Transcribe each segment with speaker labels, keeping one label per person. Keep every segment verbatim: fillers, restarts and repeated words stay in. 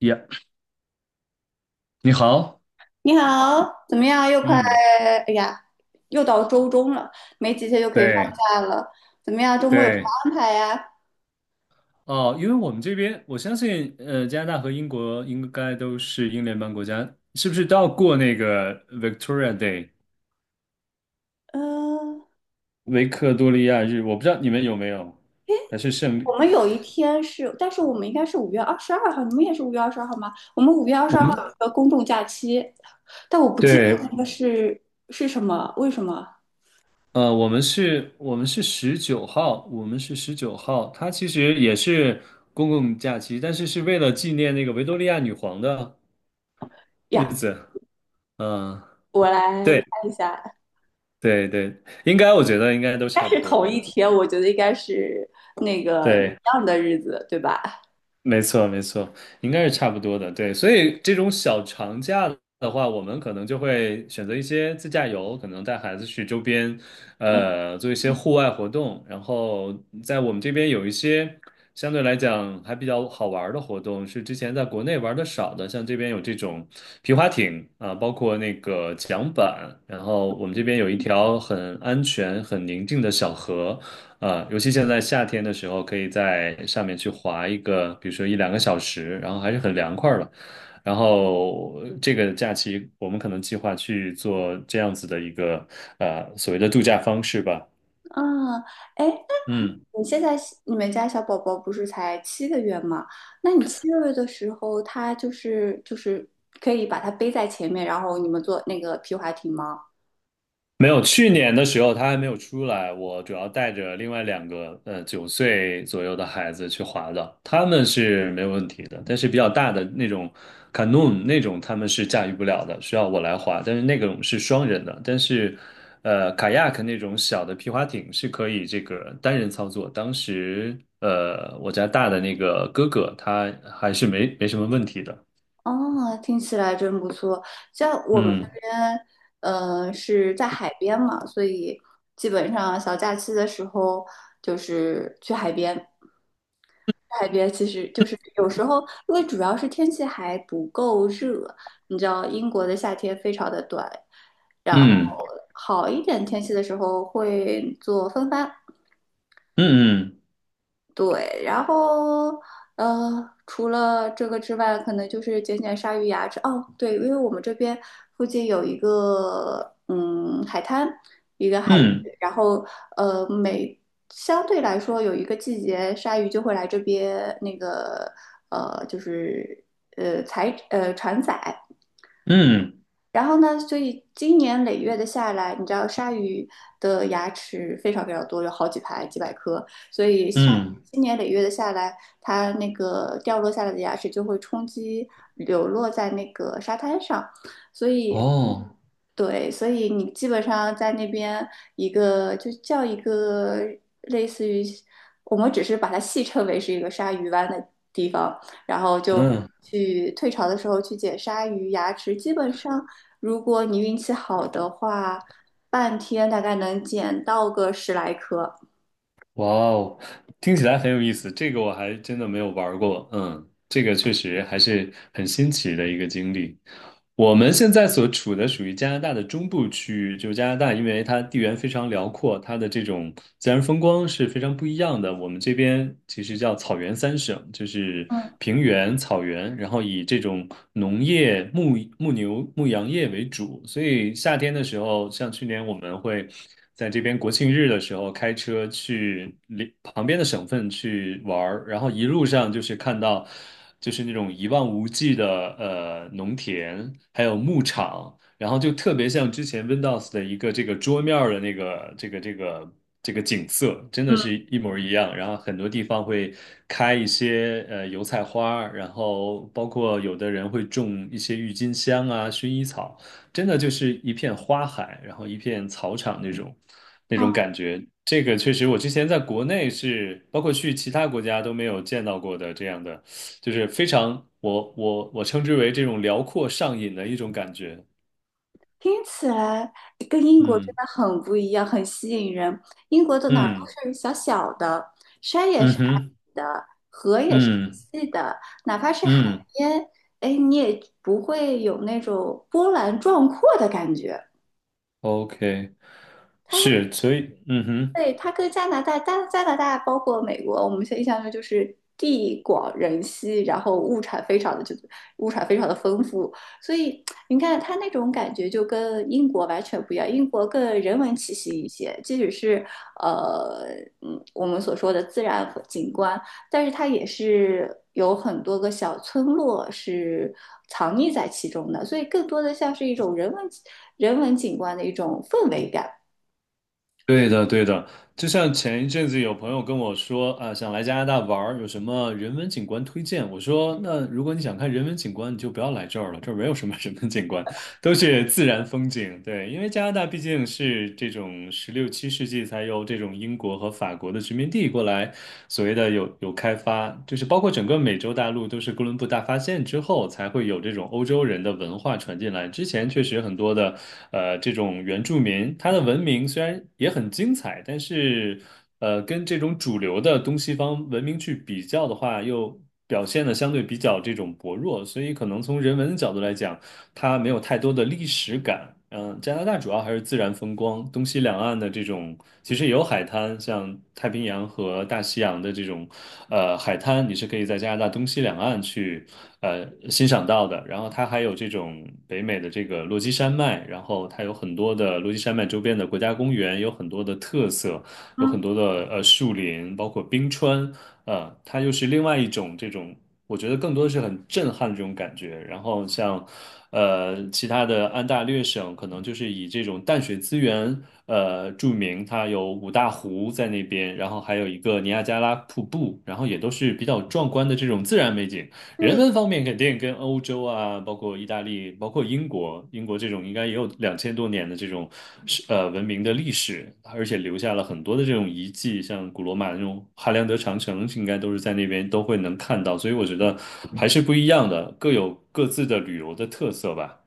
Speaker 1: 呀，你好，
Speaker 2: 你好，怎么样？又快，
Speaker 1: 嗯，
Speaker 2: 哎呀，又到周中了，没几天就可以放
Speaker 1: 对
Speaker 2: 假了。怎么样？周末有什么
Speaker 1: 对，
Speaker 2: 安排呀？
Speaker 1: 哦，因为我们这边，我相信，呃，加拿大和英国应该都是英联邦国家，是不是都要过那个 Victoria Day
Speaker 2: 嗯、
Speaker 1: 维克多利亚日？我不知道你们有没有，还是胜利？
Speaker 2: 我们有一天是，但是我们应该是五月二十二号，你们也是五月二十二号吗？我们五月二十
Speaker 1: 我
Speaker 2: 二号
Speaker 1: 们
Speaker 2: 有一个公众假期，但我不记得
Speaker 1: 对，
Speaker 2: 那个是是什么，为什么
Speaker 1: 呃，我们是，我们是十九号，我们是十九号，它其实也是公共假期，但是是为了纪念那个维多利亚女皇的日
Speaker 2: 呀？
Speaker 1: 子，嗯、
Speaker 2: 我来
Speaker 1: 对。
Speaker 2: 看一下，
Speaker 1: 对对，应该我觉得应该都
Speaker 2: 但
Speaker 1: 差不
Speaker 2: 是
Speaker 1: 多。
Speaker 2: 同
Speaker 1: 嗯，
Speaker 2: 一天，我觉得应该是那个
Speaker 1: 对，
Speaker 2: 一
Speaker 1: 嗯
Speaker 2: 样的日子，对吧？
Speaker 1: 没错没错，应该是差不多的。对，所以这种小长假的话，我们可能就会选择一些自驾游，可能带孩子去周边，
Speaker 2: 嗯
Speaker 1: 呃，做一些户外活动。然后在我们这边有一些相对来讲还比较好玩儿的活动，是之前在国内玩的少的，像这边有这种皮划艇啊，包括那个桨板。然后我们这边有一条很安全、很宁静的小河。呃，尤其现在夏天的时候，可以在上面去滑一个，比如说一两个小时，然后还是很凉快儿了。然后呃这个假期我们可能计划去做这样子的一个呃所谓的度假方式吧。
Speaker 2: 啊，哎。
Speaker 1: 嗯。
Speaker 2: 你现在你们家小宝宝不是才七个月吗？那你七个月的时候，他就是就是可以把他背在前面，然后你们坐那个皮划艇吗？
Speaker 1: 没有，去年的时候他还没有出来，我主要带着另外两个呃九岁左右的孩子去滑的，他们是没有问题的，但是比较大的那种 canoe 那种他们是驾驭不了的，需要我来滑，但是那种是双人的，但是呃 kayak 那种小的皮划艇是可以这个单人操作，当时呃我家大的那个哥哥他还是没没什么问题的，
Speaker 2: 哦，听起来真不错。像我们
Speaker 1: 嗯
Speaker 2: 这边，呃，是在海边嘛，所以基本上小假期的时候就是去海边。海边其实就是有时候，因为主要是天气还不够热，你知道英国的夏天非常的短，然后
Speaker 1: 嗯
Speaker 2: 好一点天气的时候会做风帆，
Speaker 1: 嗯
Speaker 2: 对，然后呃，除了这个之外，可能就是捡捡鲨鱼牙齿。哦，对，因为我们这边附近有一个嗯海滩，一个海域，
Speaker 1: 嗯
Speaker 2: 然后呃每相对来说有一个季节，鲨鱼就会来这边那个呃就是呃采呃船仔，
Speaker 1: 嗯
Speaker 2: 然后呢，所以今年累月的下来，你知道鲨鱼的牙齿非常非常多，有好几排、几百颗，所以下
Speaker 1: 嗯嗯，
Speaker 2: 今年累月的下来，它那个掉落下来的牙齿就会冲击流落在那个沙滩上，所以。
Speaker 1: 哦。
Speaker 2: 对，所以你基本上在那边一个就叫一个类似于，我们只是把它戏称为是一个鲨鱼湾的地方，然后就
Speaker 1: 嗯，
Speaker 2: 去退潮的时候去捡鲨鱼牙齿，基本上如果你运气好的话，半天大概能捡到个十来颗。
Speaker 1: 哇哦，听起来很有意思，这个我还真的没有玩过。嗯，这个确实还是很新奇的一个经历。我们现在所处的属于加拿大的中部区域，就是加拿大，因为它地缘非常辽阔，它的这种自然风光是非常不一样的。我们这边其实叫草原三省，就是平原、草原，然后以这种农业、牧牧牛、牧羊业为主。所以夏天的时候，像去年我们会，在这边国庆日的时候开车去邻旁边的省份去玩儿，然后一路上就是看到就是那种一望无际的呃农田，还有牧场，然后就特别像之前 Windows 的一个这个桌面儿的那个这个这个这个景色，真的是一模儿一样。然后很多地方会开一些呃油菜花儿然后包括有的人会种一些郁金香啊、薰衣草。真的就是一片花海，然后一片草场那种那种感觉。这个确实，我之前在国内是，包括去其他国家都没有见到过的这样的，就是非常我我我称之为这种辽阔上瘾的一种感觉。
Speaker 2: 听起来跟英国真
Speaker 1: 嗯
Speaker 2: 的很不一样，很吸引人。英国的哪儿
Speaker 1: 嗯
Speaker 2: 都是小小的，山也
Speaker 1: 嗯
Speaker 2: 是矮
Speaker 1: 哼
Speaker 2: 的，河也是
Speaker 1: 嗯
Speaker 2: 细的，哪怕是海
Speaker 1: 嗯
Speaker 2: 边，哎，你也不会有那种波澜壮阔的感觉。
Speaker 1: ，OK，是，所以嗯哼。
Speaker 2: 对，它跟加拿大、加加拿大包括美国，我们现在印象中就是地广人稀，然后物产非常的就物产非常的丰富，所以你看它那种感觉就跟英国完全不一样，英国更人文气息一些，即使是呃嗯我们所说的自然景观，但是它也是有很多个小村落是藏匿在其中的，所以更多的像是一种人文人文景观的一种氛围感。
Speaker 1: 对的，对的，就像前一阵子有朋友跟我说啊，想来加拿大玩儿有什么人文景观推荐？我说，那如果你想看人文景观，你就不要来这儿了，这儿没有什么人文景观。都是自然风景，对，因为加拿大毕竟是这种十六七世纪才有这种英国和法国的殖民地过来，所谓的有有开发，就是包括整个美洲大陆都是哥伦布大发现之后才会有这种欧洲人的文化传进来。之前确实很多的呃这种原住民，他的文明虽然也很精彩，但是呃跟这种主流的东西方文明去比较的话，又表现的相对比较这种薄弱，所以可能从人文的角度来讲。它没有太多的历史感。嗯，加拿大主要还是自然风光，东西两岸的这种其实也有海滩，像太平洋和大西洋的这种呃海滩，你是可以在加拿大东西两岸去呃欣赏到的。然后它还有这种北美的这个落基山脉，然后它有很多的落基山脉周边的国家公园，有很多的特色，有很多的呃树林，包括冰川。呃，它又是另外一种这种我觉得更多的是很震撼的这种感觉。然后像，呃，其他的安大略省可能就是以这种淡水资源，呃，著名，它有五大湖在那边，然后还有一个尼亚加拉瀑布，然后也都是比较壮观的这种自然美景。人
Speaker 2: 对。
Speaker 1: 文方面肯定跟欧洲啊，包括意大利，包括英国，英国这种应该也有两千多年的这种是呃文明的历史，而且留下了很多的这种遗迹，像古罗马那种哈良德长城，应该都是在那边都会能看到，所以我觉得还是不一样的，各有各自的旅游的特色吧。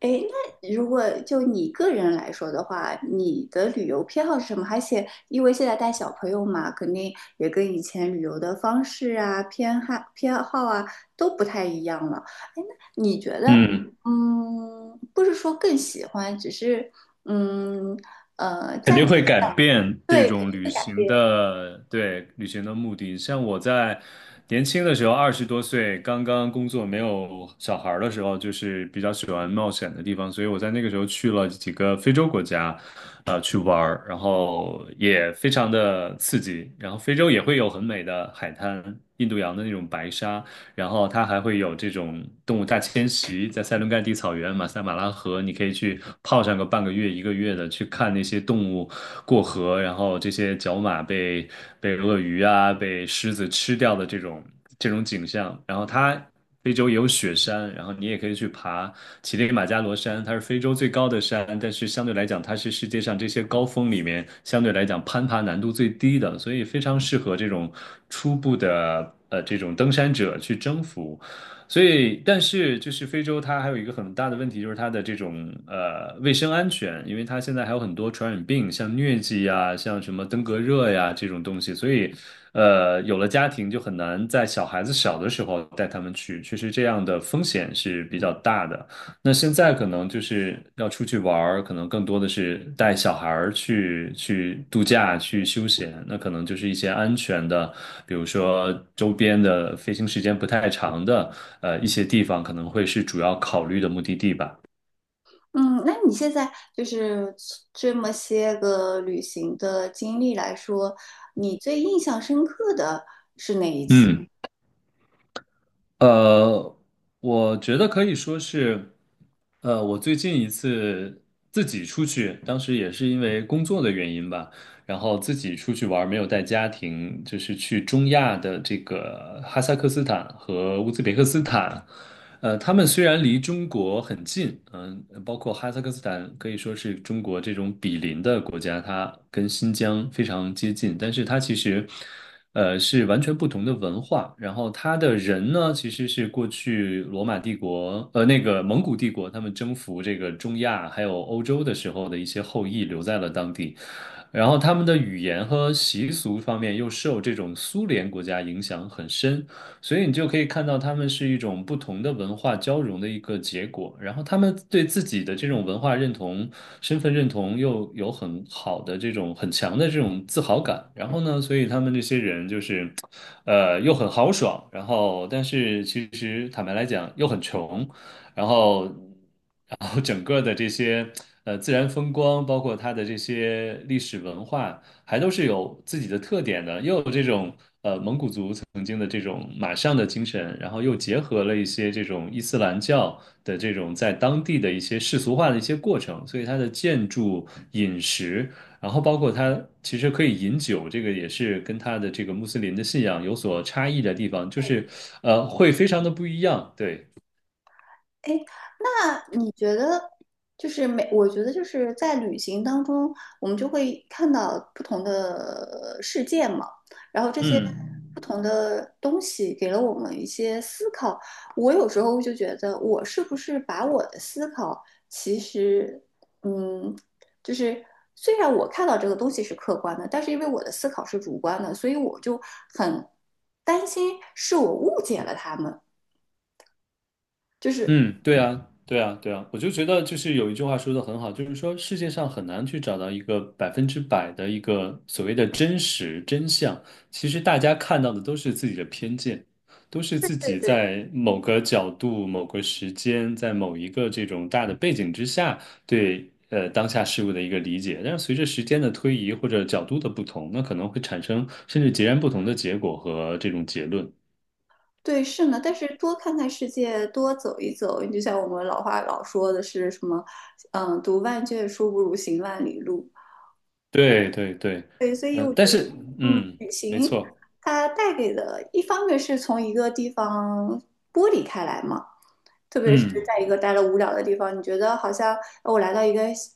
Speaker 2: 诶，那如果就你个人来说的话，你的旅游偏好是什么？而且因为现在带小朋友嘛，肯定也跟以前旅游的方式啊、偏好偏好啊都不太一样了。诶，那你觉得，
Speaker 1: 嗯。
Speaker 2: 嗯，不是说更喜欢，只是嗯呃，
Speaker 1: 肯
Speaker 2: 在
Speaker 1: 定会改变这
Speaker 2: 对肯
Speaker 1: 种
Speaker 2: 定
Speaker 1: 旅
Speaker 2: 会改
Speaker 1: 行
Speaker 2: 变。
Speaker 1: 的，对，旅行的目的。像我在年轻的时候，二十多岁，刚刚工作没有小孩儿的时候，就是比较喜欢冒险的地方，所以我在那个时候去了几个非洲国家，呃，去玩儿，然后也非常的刺激。然后非洲也会有很美的海滩，印度洋的那种白沙，然后它还会有这种动物大迁徙，在塞伦盖蒂草原、马赛马拉河，你可以去泡上个半个月、一个月的，去看那些动物过河，然后这些角马被被鳄鱼啊、被狮子吃掉的这种这种景象。然后它非洲也有雪山，然后你也可以去爬乞力马扎罗山，它是非洲最高的山，但是相对来讲，它是世界上这些高峰里面相对来讲攀爬难度最低的，所以非常适合这种初步的呃这种登山者去征服。所以，但是就是非洲它还有一个很大的问题，就是它的这种呃卫生安全，因为它现在还有很多传染病，像疟疾呀、像什么登革热呀这种东西，所以呃有了家庭就很难在小孩子小的时候带他们去，确实这样的风险是比较大的。那现在可能就是要出去玩儿，可能更多的是带小孩儿去去度假、去休闲。那可能就是一些安全的，比如说周边的飞行时间不太长的，呃，一些地方可能会是主要考虑的目的地吧。
Speaker 2: 嗯，那你现在就是这么些个旅行的经历来说，你最印象深刻的？
Speaker 1: 嗯。呃，我觉得可以说是，呃，我最近一次自己出去，当时也是因为工作的原因吧，然后自己出去玩儿没有带家庭，就是去中亚的这个哈萨克斯坦和乌兹别克斯坦。呃，他们虽然离中国很近，嗯、包括哈萨克斯坦可以说是中国这种比邻的国家，它跟新疆非常接近，但是它其实，呃，是完全不同的文化。然后它的人呢，其实是过去罗马帝国，呃，那个蒙古帝国，他们征服这个中亚还有欧洲的时候的一些后裔留在了当地。然后他们的语言和习俗方面又受这种苏联国家影响很深，所以你就可以看到他们是一种不同的文化交融的一个结果，然后他们对自己的这种文化认同、身份认同又有很好的这种很强的这种自豪感，然后呢，所以他们这些人就是，呃，又很豪爽，然后但是其实坦白来讲又很穷，然后。然后整个的这些呃自然风光，包括它的这些历史文化，还都是有自己的特点的，又有这种呃蒙古族曾经的这种马上的精神，然后又结合了一些这种伊斯兰教的这种在当地的一些世俗化的一些过程，所以它的建筑、饮食，然后包括它其实可以饮酒，这个也是跟它的这个穆斯林的信仰有所差异的地方，就是呃会非常的不一样，对，
Speaker 2: 哎，那你觉得就是每，我觉得就是在旅行当中，我们就会看到不同的呃世界嘛，然后这些
Speaker 1: 嗯。
Speaker 2: 不同的东西给了我们一些思考。我有时候就觉得，我是不是把我的思考，其实，嗯，就是虽然我看到这个东西是客观的，但是因为我的思考是主观的，所以我就很担心是我误解了他们，就是。
Speaker 1: 嗯，对啊，对啊，对啊，我就觉得就是有一句话说的很好，就是说世界上很难去找到一个百分之百的一个所谓的真实真相。其实大家看到的都是自己的偏见，都是
Speaker 2: 对
Speaker 1: 自
Speaker 2: 对
Speaker 1: 己
Speaker 2: 对。
Speaker 1: 在某个角度、某个时间、在某一个这种大的背景之下对呃当下事物的一个理解。但是随着时间的推移或者角度的不同，那可能会产生甚至截然不同的结果和这种结论。
Speaker 2: 对，是呢，但是多看看世界，多走一走，你就像我们老话老说的是什么，嗯，读万卷书不如行万里路。
Speaker 1: 对对对，
Speaker 2: 对，所以
Speaker 1: 嗯、
Speaker 2: 我觉
Speaker 1: 但
Speaker 2: 得
Speaker 1: 是嗯，
Speaker 2: 旅
Speaker 1: 没
Speaker 2: 行
Speaker 1: 错，
Speaker 2: 它带给的，一方面是从一个地方剥离开来嘛，特别是
Speaker 1: 嗯，
Speaker 2: 在一个待了无聊的地方，你觉得好像呃我来到一个新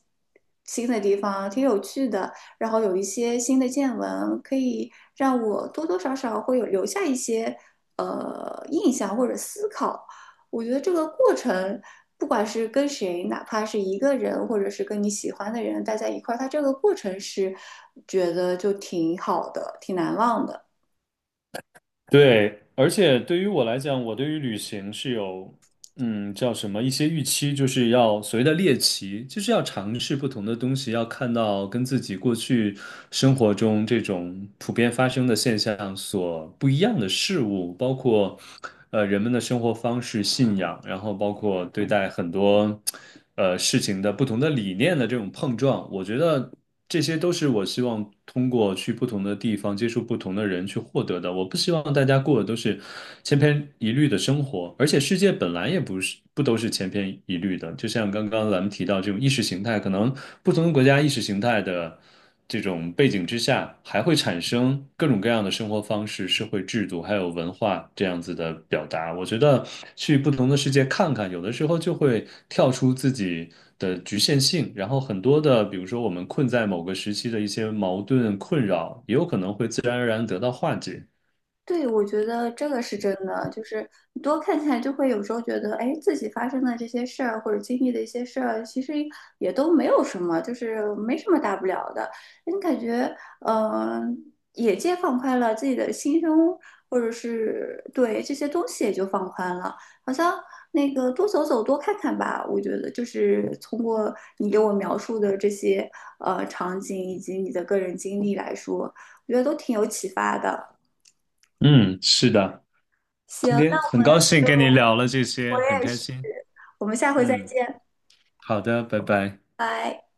Speaker 2: 新的地方，挺有趣的，然后有一些新的见闻，可以让我多多少少会有留下一些呃印象或者思考。我觉得这个过程，不管是跟谁，哪怕是一个人，或者是跟你喜欢的人待在一块儿，它这个过程是觉得就挺好的，挺难忘的。
Speaker 1: 对，而且对于我来讲，我对于旅行是有嗯叫什么一些预期，就是要所谓的猎奇，就是要尝试不同的东西，要看到跟自己过去生活中这种普遍发生的现象所不一样的事物，包括呃人们的生活方式、信仰，然后包括对待很多呃事情的不同的理念的这种碰撞，我觉得。这些都是我希望通过去不同的地方接触不同的人去获得的。我不希望大家过的都是千篇一律的生活，而且世界本来也不是不都是千篇一律的。就像刚刚咱们提到这种意识形态，可能不同的国家意识形态的。这种背景之下，还会产生各种各样的生活方式、社会制度，还有文化这样子的表达。我觉得去不同的世界看看，有的时候就会跳出自己的局限性，然后很多的，比如说我们困在某个时期的一些矛盾困扰，也有可能会自然而然得到化解。
Speaker 2: 对，我觉得这个是真的，就是你多看看，就会有时候觉得，哎，自己发生的这些事儿或者经历的一些事儿，其实也都没有什么，就是没什么大不了的。你感觉，嗯、眼界放宽了，自己的心胸或者是对这些东西也就放宽了，好像那个多走走，多看看吧。我觉得就是通过你给我描述的这些呃场景以及你的个人经历来说，我觉得都挺有启发的。
Speaker 1: 嗯，是的，今
Speaker 2: 行。
Speaker 1: 天很高兴跟你聊了这些，很开心。
Speaker 2: 我们下回再
Speaker 1: 嗯，
Speaker 2: 见，
Speaker 1: 好的，拜拜。
Speaker 2: 拜。